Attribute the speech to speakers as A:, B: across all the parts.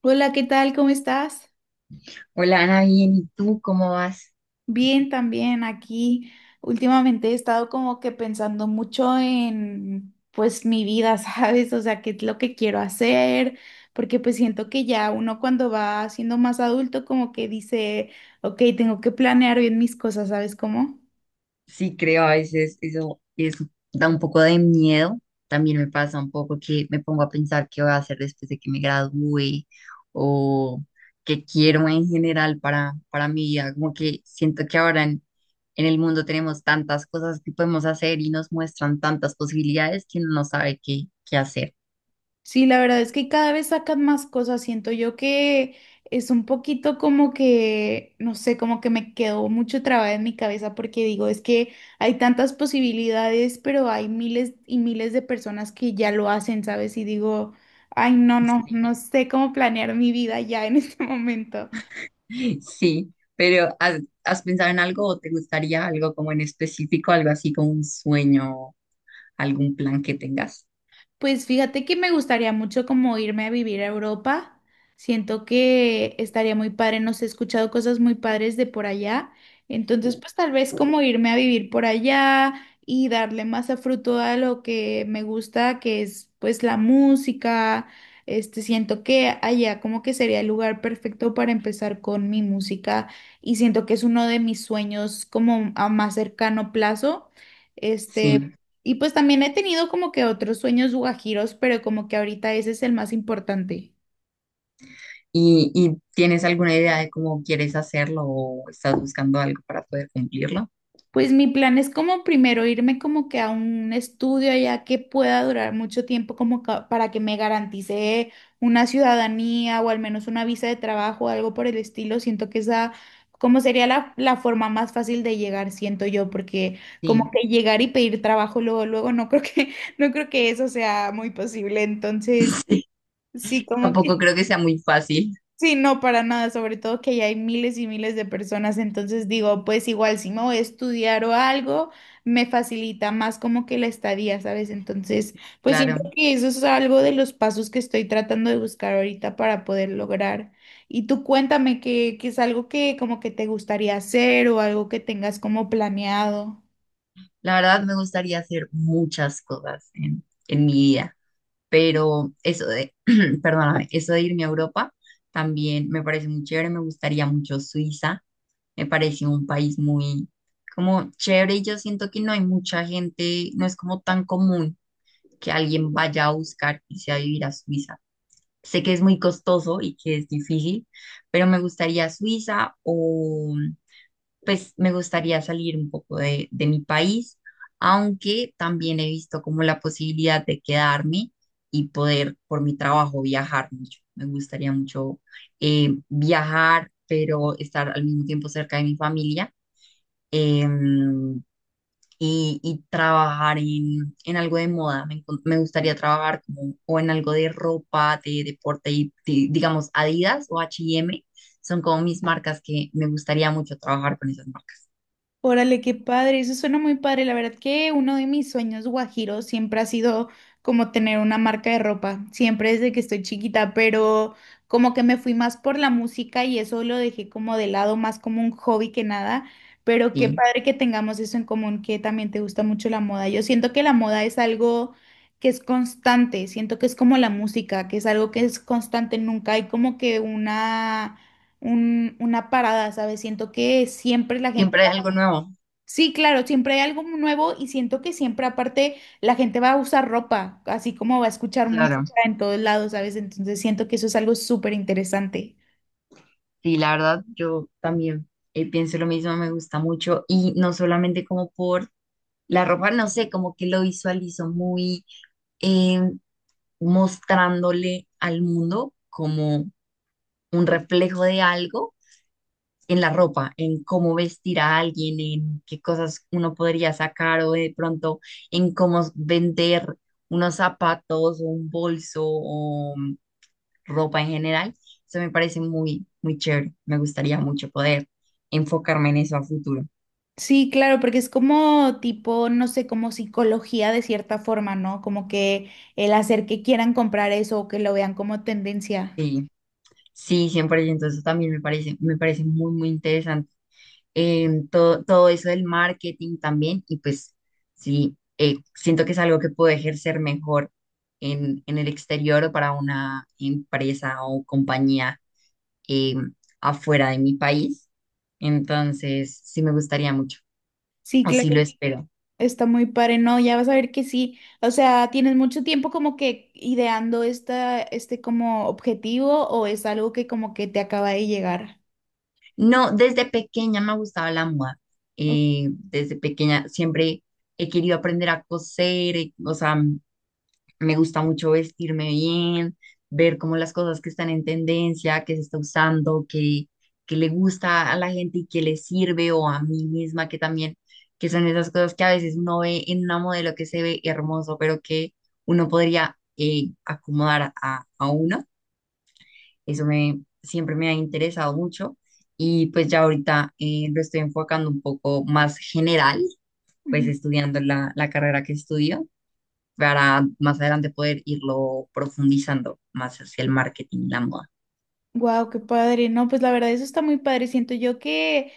A: Hola, ¿qué tal? ¿Cómo estás?
B: Hola Ana, bien, ¿y tú cómo vas?
A: Bien, también aquí. Últimamente he estado como que pensando mucho en, pues, mi vida, ¿sabes? O sea, qué es lo que quiero hacer, porque pues siento que ya uno cuando va siendo más adulto como que dice, ok, tengo que planear bien mis cosas, ¿sabes cómo?
B: Sí, creo, a veces eso da un poco de miedo. También me pasa un poco que me pongo a pensar qué voy a hacer después de que me gradúe o qué quiero en general para mi vida. Como que siento que ahora en el mundo tenemos tantas cosas que podemos hacer y nos muestran tantas posibilidades que uno no sabe qué hacer.
A: Sí, la verdad es que cada vez sacan más cosas. Siento yo que es un poquito como que, no sé, como que me quedó mucho trabada en mi cabeza porque digo, es que hay tantas posibilidades, pero hay miles y miles de personas que ya lo hacen, ¿sabes? Y digo, ay, no, no,
B: Sí,
A: no sé cómo planear mi vida ya en este momento.
B: sí, pero has pensado en algo o te gustaría algo como en específico, algo así como un sueño? Algún plan que tengas.
A: Pues fíjate que me gustaría mucho como irme a vivir a Europa. Siento que estaría muy padre, no sé, he escuchado cosas muy padres de por allá. Entonces, pues tal vez como irme a vivir por allá y darle más a fruto a lo que me gusta, que es pues la música. Este, siento que allá como que sería el lugar perfecto para empezar con mi música y siento que es uno de mis sueños como a más cercano plazo. Este,
B: Sí.
A: y pues también he tenido como que otros sueños guajiros, pero como que ahorita ese es el más importante.
B: Y tienes alguna idea de cómo quieres hacerlo o estás buscando algo para poder cumplirlo?
A: Pues mi plan es como primero irme como que a un estudio allá que pueda durar mucho tiempo como para que me garantice una ciudadanía o al menos una visa de trabajo o algo por el estilo. Siento que esa como sería la, la forma más fácil de llegar, siento yo, porque como
B: Sí.
A: que llegar y pedir trabajo luego, luego no creo que, no creo que eso sea muy posible. Entonces,
B: Sí.
A: sí, como
B: Tampoco
A: que.
B: creo que sea muy fácil,
A: Sí, no, para nada, sobre todo que ya hay miles y miles de personas, entonces digo, pues igual si me voy a estudiar o algo, me facilita más como que la estadía, ¿sabes? Entonces, pues siento
B: claro.
A: que eso es algo de los pasos que estoy tratando de buscar ahorita para poder lograr. Y tú cuéntame que es algo que como que te gustaría hacer o algo que tengas como planeado.
B: La verdad me gustaría hacer muchas cosas en mi vida, pero perdóname, eso de irme a Europa también me parece muy chévere, me gustaría mucho Suiza, me parece un país muy como chévere y yo siento que no hay mucha gente, no es como tan común que alguien vaya a buscar irse a vivir a Suiza. Sé que es muy costoso y que es difícil, pero me gustaría Suiza o pues me gustaría salir un poco de mi país, aunque también he visto como la posibilidad de quedarme y poder por mi trabajo viajar mucho. Me gustaría mucho viajar, pero estar al mismo tiempo cerca de mi familia, em, y trabajar en algo de moda. Me gustaría trabajar como, o en algo de ropa, de deporte, digamos Adidas o H&M. Son como mis marcas que me gustaría mucho trabajar con esas marcas.
A: Órale, qué padre, eso suena muy padre. La verdad que uno de mis sueños guajiros siempre ha sido como tener una marca de ropa, siempre desde que estoy chiquita, pero como que me fui más por la música y eso lo dejé como de lado, más como un hobby que nada. Pero qué
B: Sí.
A: padre que tengamos eso en común, que también te gusta mucho la moda. Yo siento que la moda es algo que es constante, siento que es como la música, que es algo que es constante, nunca hay como que una, una parada, ¿sabes? Siento que siempre la gente.
B: Siempre hay algo nuevo,
A: Sí, claro, siempre hay algo nuevo y siento que siempre aparte la gente va a usar ropa, así como va a escuchar
B: claro.
A: música en todos lados, ¿sabes? Entonces siento que eso es algo súper interesante.
B: Sí, la verdad, yo también pienso lo mismo, me gusta mucho y no solamente como por la ropa, no sé, como que lo visualizo muy eh, mostrándole al mundo como un reflejo de algo en la ropa, en cómo vestir a alguien, en qué cosas uno podría sacar o de pronto en cómo vender unos zapatos o un bolso o ropa en general. Eso me parece muy chévere. Me gustaría mucho poder enfocarme en eso a futuro.
A: Sí, claro, porque es como tipo, no sé, como psicología de cierta forma, ¿no? Como que el hacer que quieran comprar eso o que lo vean como tendencia.
B: Sí, sí, 100%. Entonces también me parece muy interesante. Todo eso del marketing también. Y pues sí, siento que es algo que puedo ejercer mejor en el exterior o para una empresa o compañía, em, afuera de mi país. Entonces, sí me gustaría mucho,
A: Sí,
B: o sí lo
A: claro,
B: espero.
A: está muy padre, ¿no? Ya vas a ver que sí. O sea, ¿tienes mucho tiempo como que ideando esta, este como objetivo o es algo que como que te acaba de llegar?
B: No, desde pequeña me ha gustado la moda. Desde pequeña siempre he querido aprender a coser, o sea, me gusta mucho vestirme bien, ver como las cosas que están en tendencia, que se está usando, que le gusta a la gente y que le sirve o a mí misma, que también, que son esas cosas que a veces uno ve en una modelo que se ve hermoso, pero que uno podría acomodar a uno. Siempre me ha interesado mucho y pues ya ahorita lo estoy enfocando un poco más general, pues estudiando la carrera que estudio para más adelante poder irlo profundizando más hacia el marketing y la moda.
A: Wow, qué padre. No, pues la verdad eso está muy padre. Siento yo que.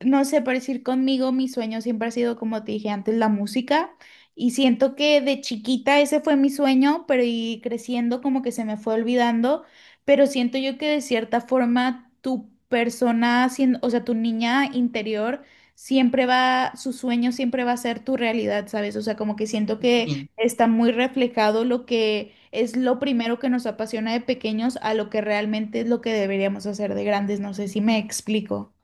A: No sé, por decir conmigo, mi sueño siempre ha sido, como te dije antes, la música. Y siento que de chiquita ese fue mi sueño, pero y creciendo como que se me fue olvidando. Pero siento yo que de cierta forma tu persona, o sea, tu niña interior, siempre va, su sueño siempre va a ser tu realidad, ¿sabes? O sea, como que siento que
B: Sí.
A: está muy reflejado lo que es lo primero que nos apasiona de pequeños a lo que realmente es lo que deberíamos hacer de grandes. No sé si me explico.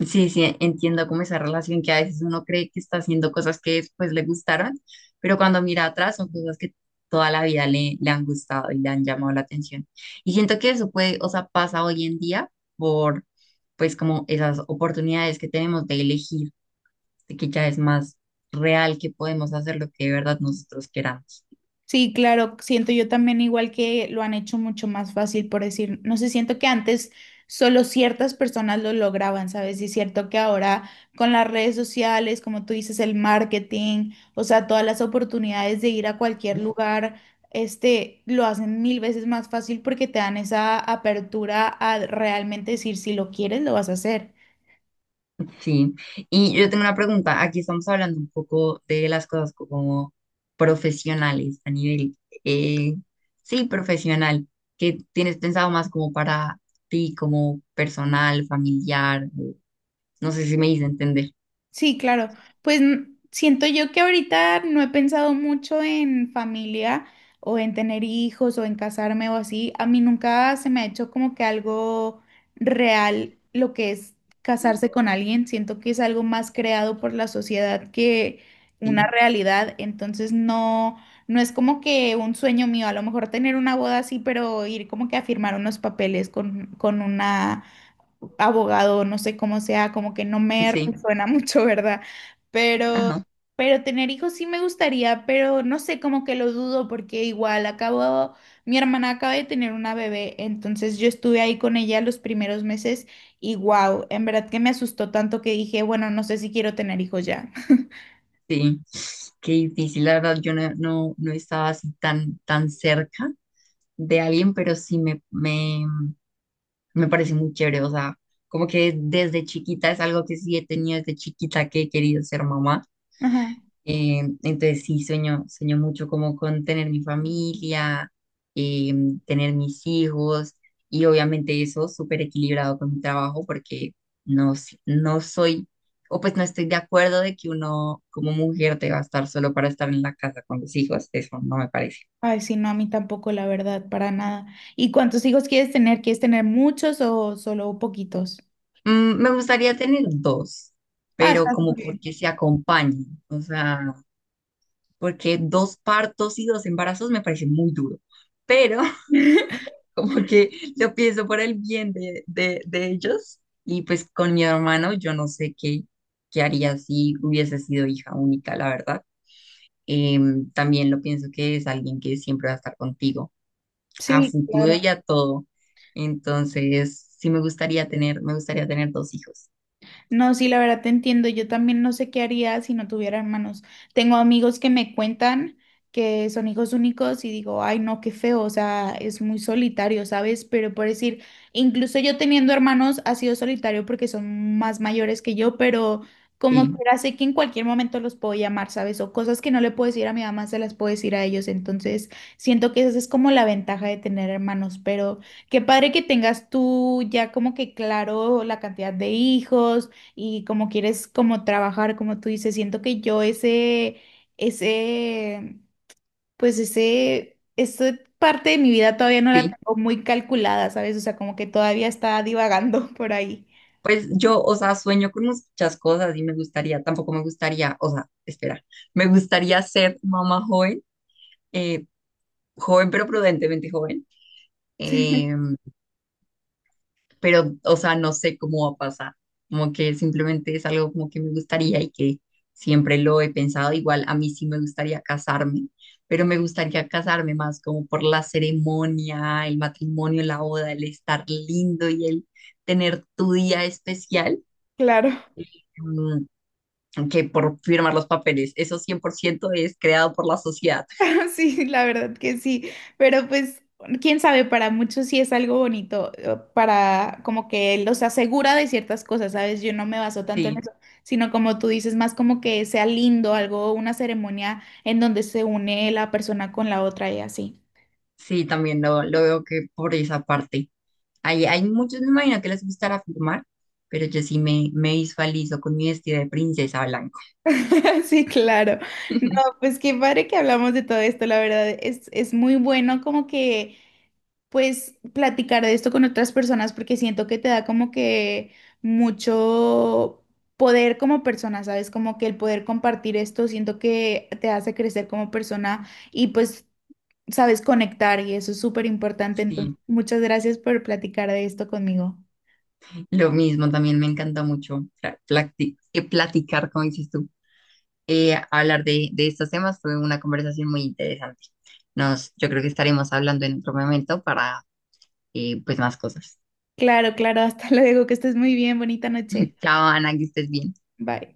B: Sí, sí, entiendo como esa relación que a veces uno cree que está haciendo cosas que después le gustaron, pero cuando mira atrás son cosas que toda la vida le han gustado y le han llamado la atención. Y siento que eso puede, o sea, pasa hoy en día por, pues, como esas oportunidades que tenemos de elegir, de que ya es más real que podemos hacer lo que de verdad nosotros queramos.
A: Sí, claro, siento yo también igual que lo han hecho mucho más fácil, por decir, no sé, siento que antes solo ciertas personas lo lograban, ¿sabes? Y es cierto que ahora con las redes sociales, como tú dices, el marketing, o sea, todas las oportunidades de ir a cualquier lugar, este, lo hacen mil veces más fácil porque te dan esa apertura a realmente decir si lo quieres, lo vas a hacer.
B: Sí, y yo tengo una pregunta. Aquí estamos hablando un poco de las cosas como profesionales a nivel, eh, sí, profesional. ¿Qué tienes pensado más como para ti, como personal, familiar? No sé si me hice entender.
A: Sí, claro. Pues siento yo que ahorita no he pensado mucho en familia o en tener hijos o en casarme o así. A mí nunca se me ha hecho como que algo real lo que es casarse con alguien. Siento que es algo más creado por la sociedad que una
B: Sí,
A: realidad. Entonces no, no es como que un sueño mío. A lo mejor tener una boda así, pero ir como que a firmar unos papeles con una abogado, no sé cómo sea, como que no me
B: sí,
A: resuena mucho, ¿verdad? Pero,
B: ajá,
A: pero tener hijos sí me gustaría, pero no sé, como que lo dudo porque igual acabo, mi hermana acaba de tener una bebé, entonces yo estuve ahí con ella los primeros meses y wow, en verdad que me asustó tanto que dije, bueno, no sé si quiero tener hijos ya.
B: sí. Qué difícil, la verdad, yo no estaba así tan cerca de alguien, pero sí me parece muy chévere, o sea, como que desde chiquita es algo que sí he tenido desde chiquita que he querido ser mamá.
A: Ajá.
B: Entonces sí, sueño mucho como con tener mi familia, eh, tener mis hijos y obviamente eso súper equilibrado con mi trabajo porque no, no soy, o pues no estoy de acuerdo de que uno como mujer deba estar solo para estar en la casa con los hijos, eso no me parece.
A: Ay, sí, no, a mí tampoco, la verdad, para nada. ¿Y cuántos hijos quieres tener? ¿Quieres tener muchos o solo poquitos?
B: Mm, me gustaría tener dos,
A: Ah,
B: pero
A: está súper
B: como
A: bien.
B: porque se acompañen, o sea, porque dos partos y dos embarazos me parece muy duro, pero como que lo pienso por el bien de ellos y pues con mi hermano yo no sé qué haría si hubiese sido hija única, la verdad. También lo pienso que es alguien que siempre va a estar contigo, a
A: Sí,
B: futuro
A: claro.
B: y a todo. Entonces, sí me gustaría tener dos hijos.
A: No, sí, la verdad te entiendo. Yo también no sé qué haría si no tuviera hermanos. Tengo amigos que me cuentan que son hijos únicos y digo, ay, no, qué feo, o sea, es muy solitario, ¿sabes? Pero por decir, incluso yo teniendo hermanos ha sido solitario porque son más mayores que yo, pero como
B: Sí,
A: quiera sé que en cualquier momento los puedo llamar, ¿sabes? O cosas que no le puedo decir a mi mamá, se las puedo decir a ellos. Entonces, siento que esa es como la ventaja de tener hermanos, pero qué padre que tengas tú ya como que claro la cantidad de hijos y como quieres como trabajar, como tú dices, siento que yo ese, esa parte de mi vida todavía no la
B: sí.
A: tengo muy calculada, ¿sabes? O sea, como que todavía está divagando por ahí.
B: Pues yo, o sea, sueño con muchas cosas y me gustaría, tampoco me gustaría, o sea, espera, me gustaría ser mamá joven, eh, joven pero prudentemente joven, eh, pero, o sea, no sé cómo va a pasar, como que simplemente es algo como que me gustaría y que siempre lo he pensado, igual a mí sí me gustaría casarme, pero me gustaría casarme más como por la ceremonia, el matrimonio, la boda, el estar lindo y el tener tu día especial.
A: Claro.
B: Mm, que por firmar los papeles. Eso 100% es creado por la sociedad.
A: Sí, la verdad que sí, pero pues quién sabe, para muchos sí es algo bonito, para como que los asegura de ciertas cosas, ¿sabes? Yo no me baso tanto en
B: Sí,
A: eso, sino como tú dices, más como que sea lindo, algo, una ceremonia en donde se une la persona con la otra y así.
B: sí, también lo veo que por esa parte. Hay muchos, me imagino que les gustará firmar, pero yo sí me visualizo con mi vestido de princesa blanco.
A: Sí, claro. No, pues qué padre que hablamos de todo esto, la verdad es muy bueno como que pues platicar de esto con otras personas porque siento que te da como que mucho poder como persona, ¿sabes? Como que el poder compartir esto, siento que te hace crecer como persona y pues sabes conectar y eso es súper importante. Entonces,
B: Sí,
A: muchas gracias por platicar de esto conmigo.
B: lo mismo, también me encanta mucho platicar, como dices tú, hablar de estos temas. Fue una conversación muy interesante. Nos, yo creo que estaremos hablando en otro momento para pues más cosas.
A: Claro, claro, hasta luego, que estés muy bien, bonita noche.
B: Chao, Ana, que estés bien.
A: Bye.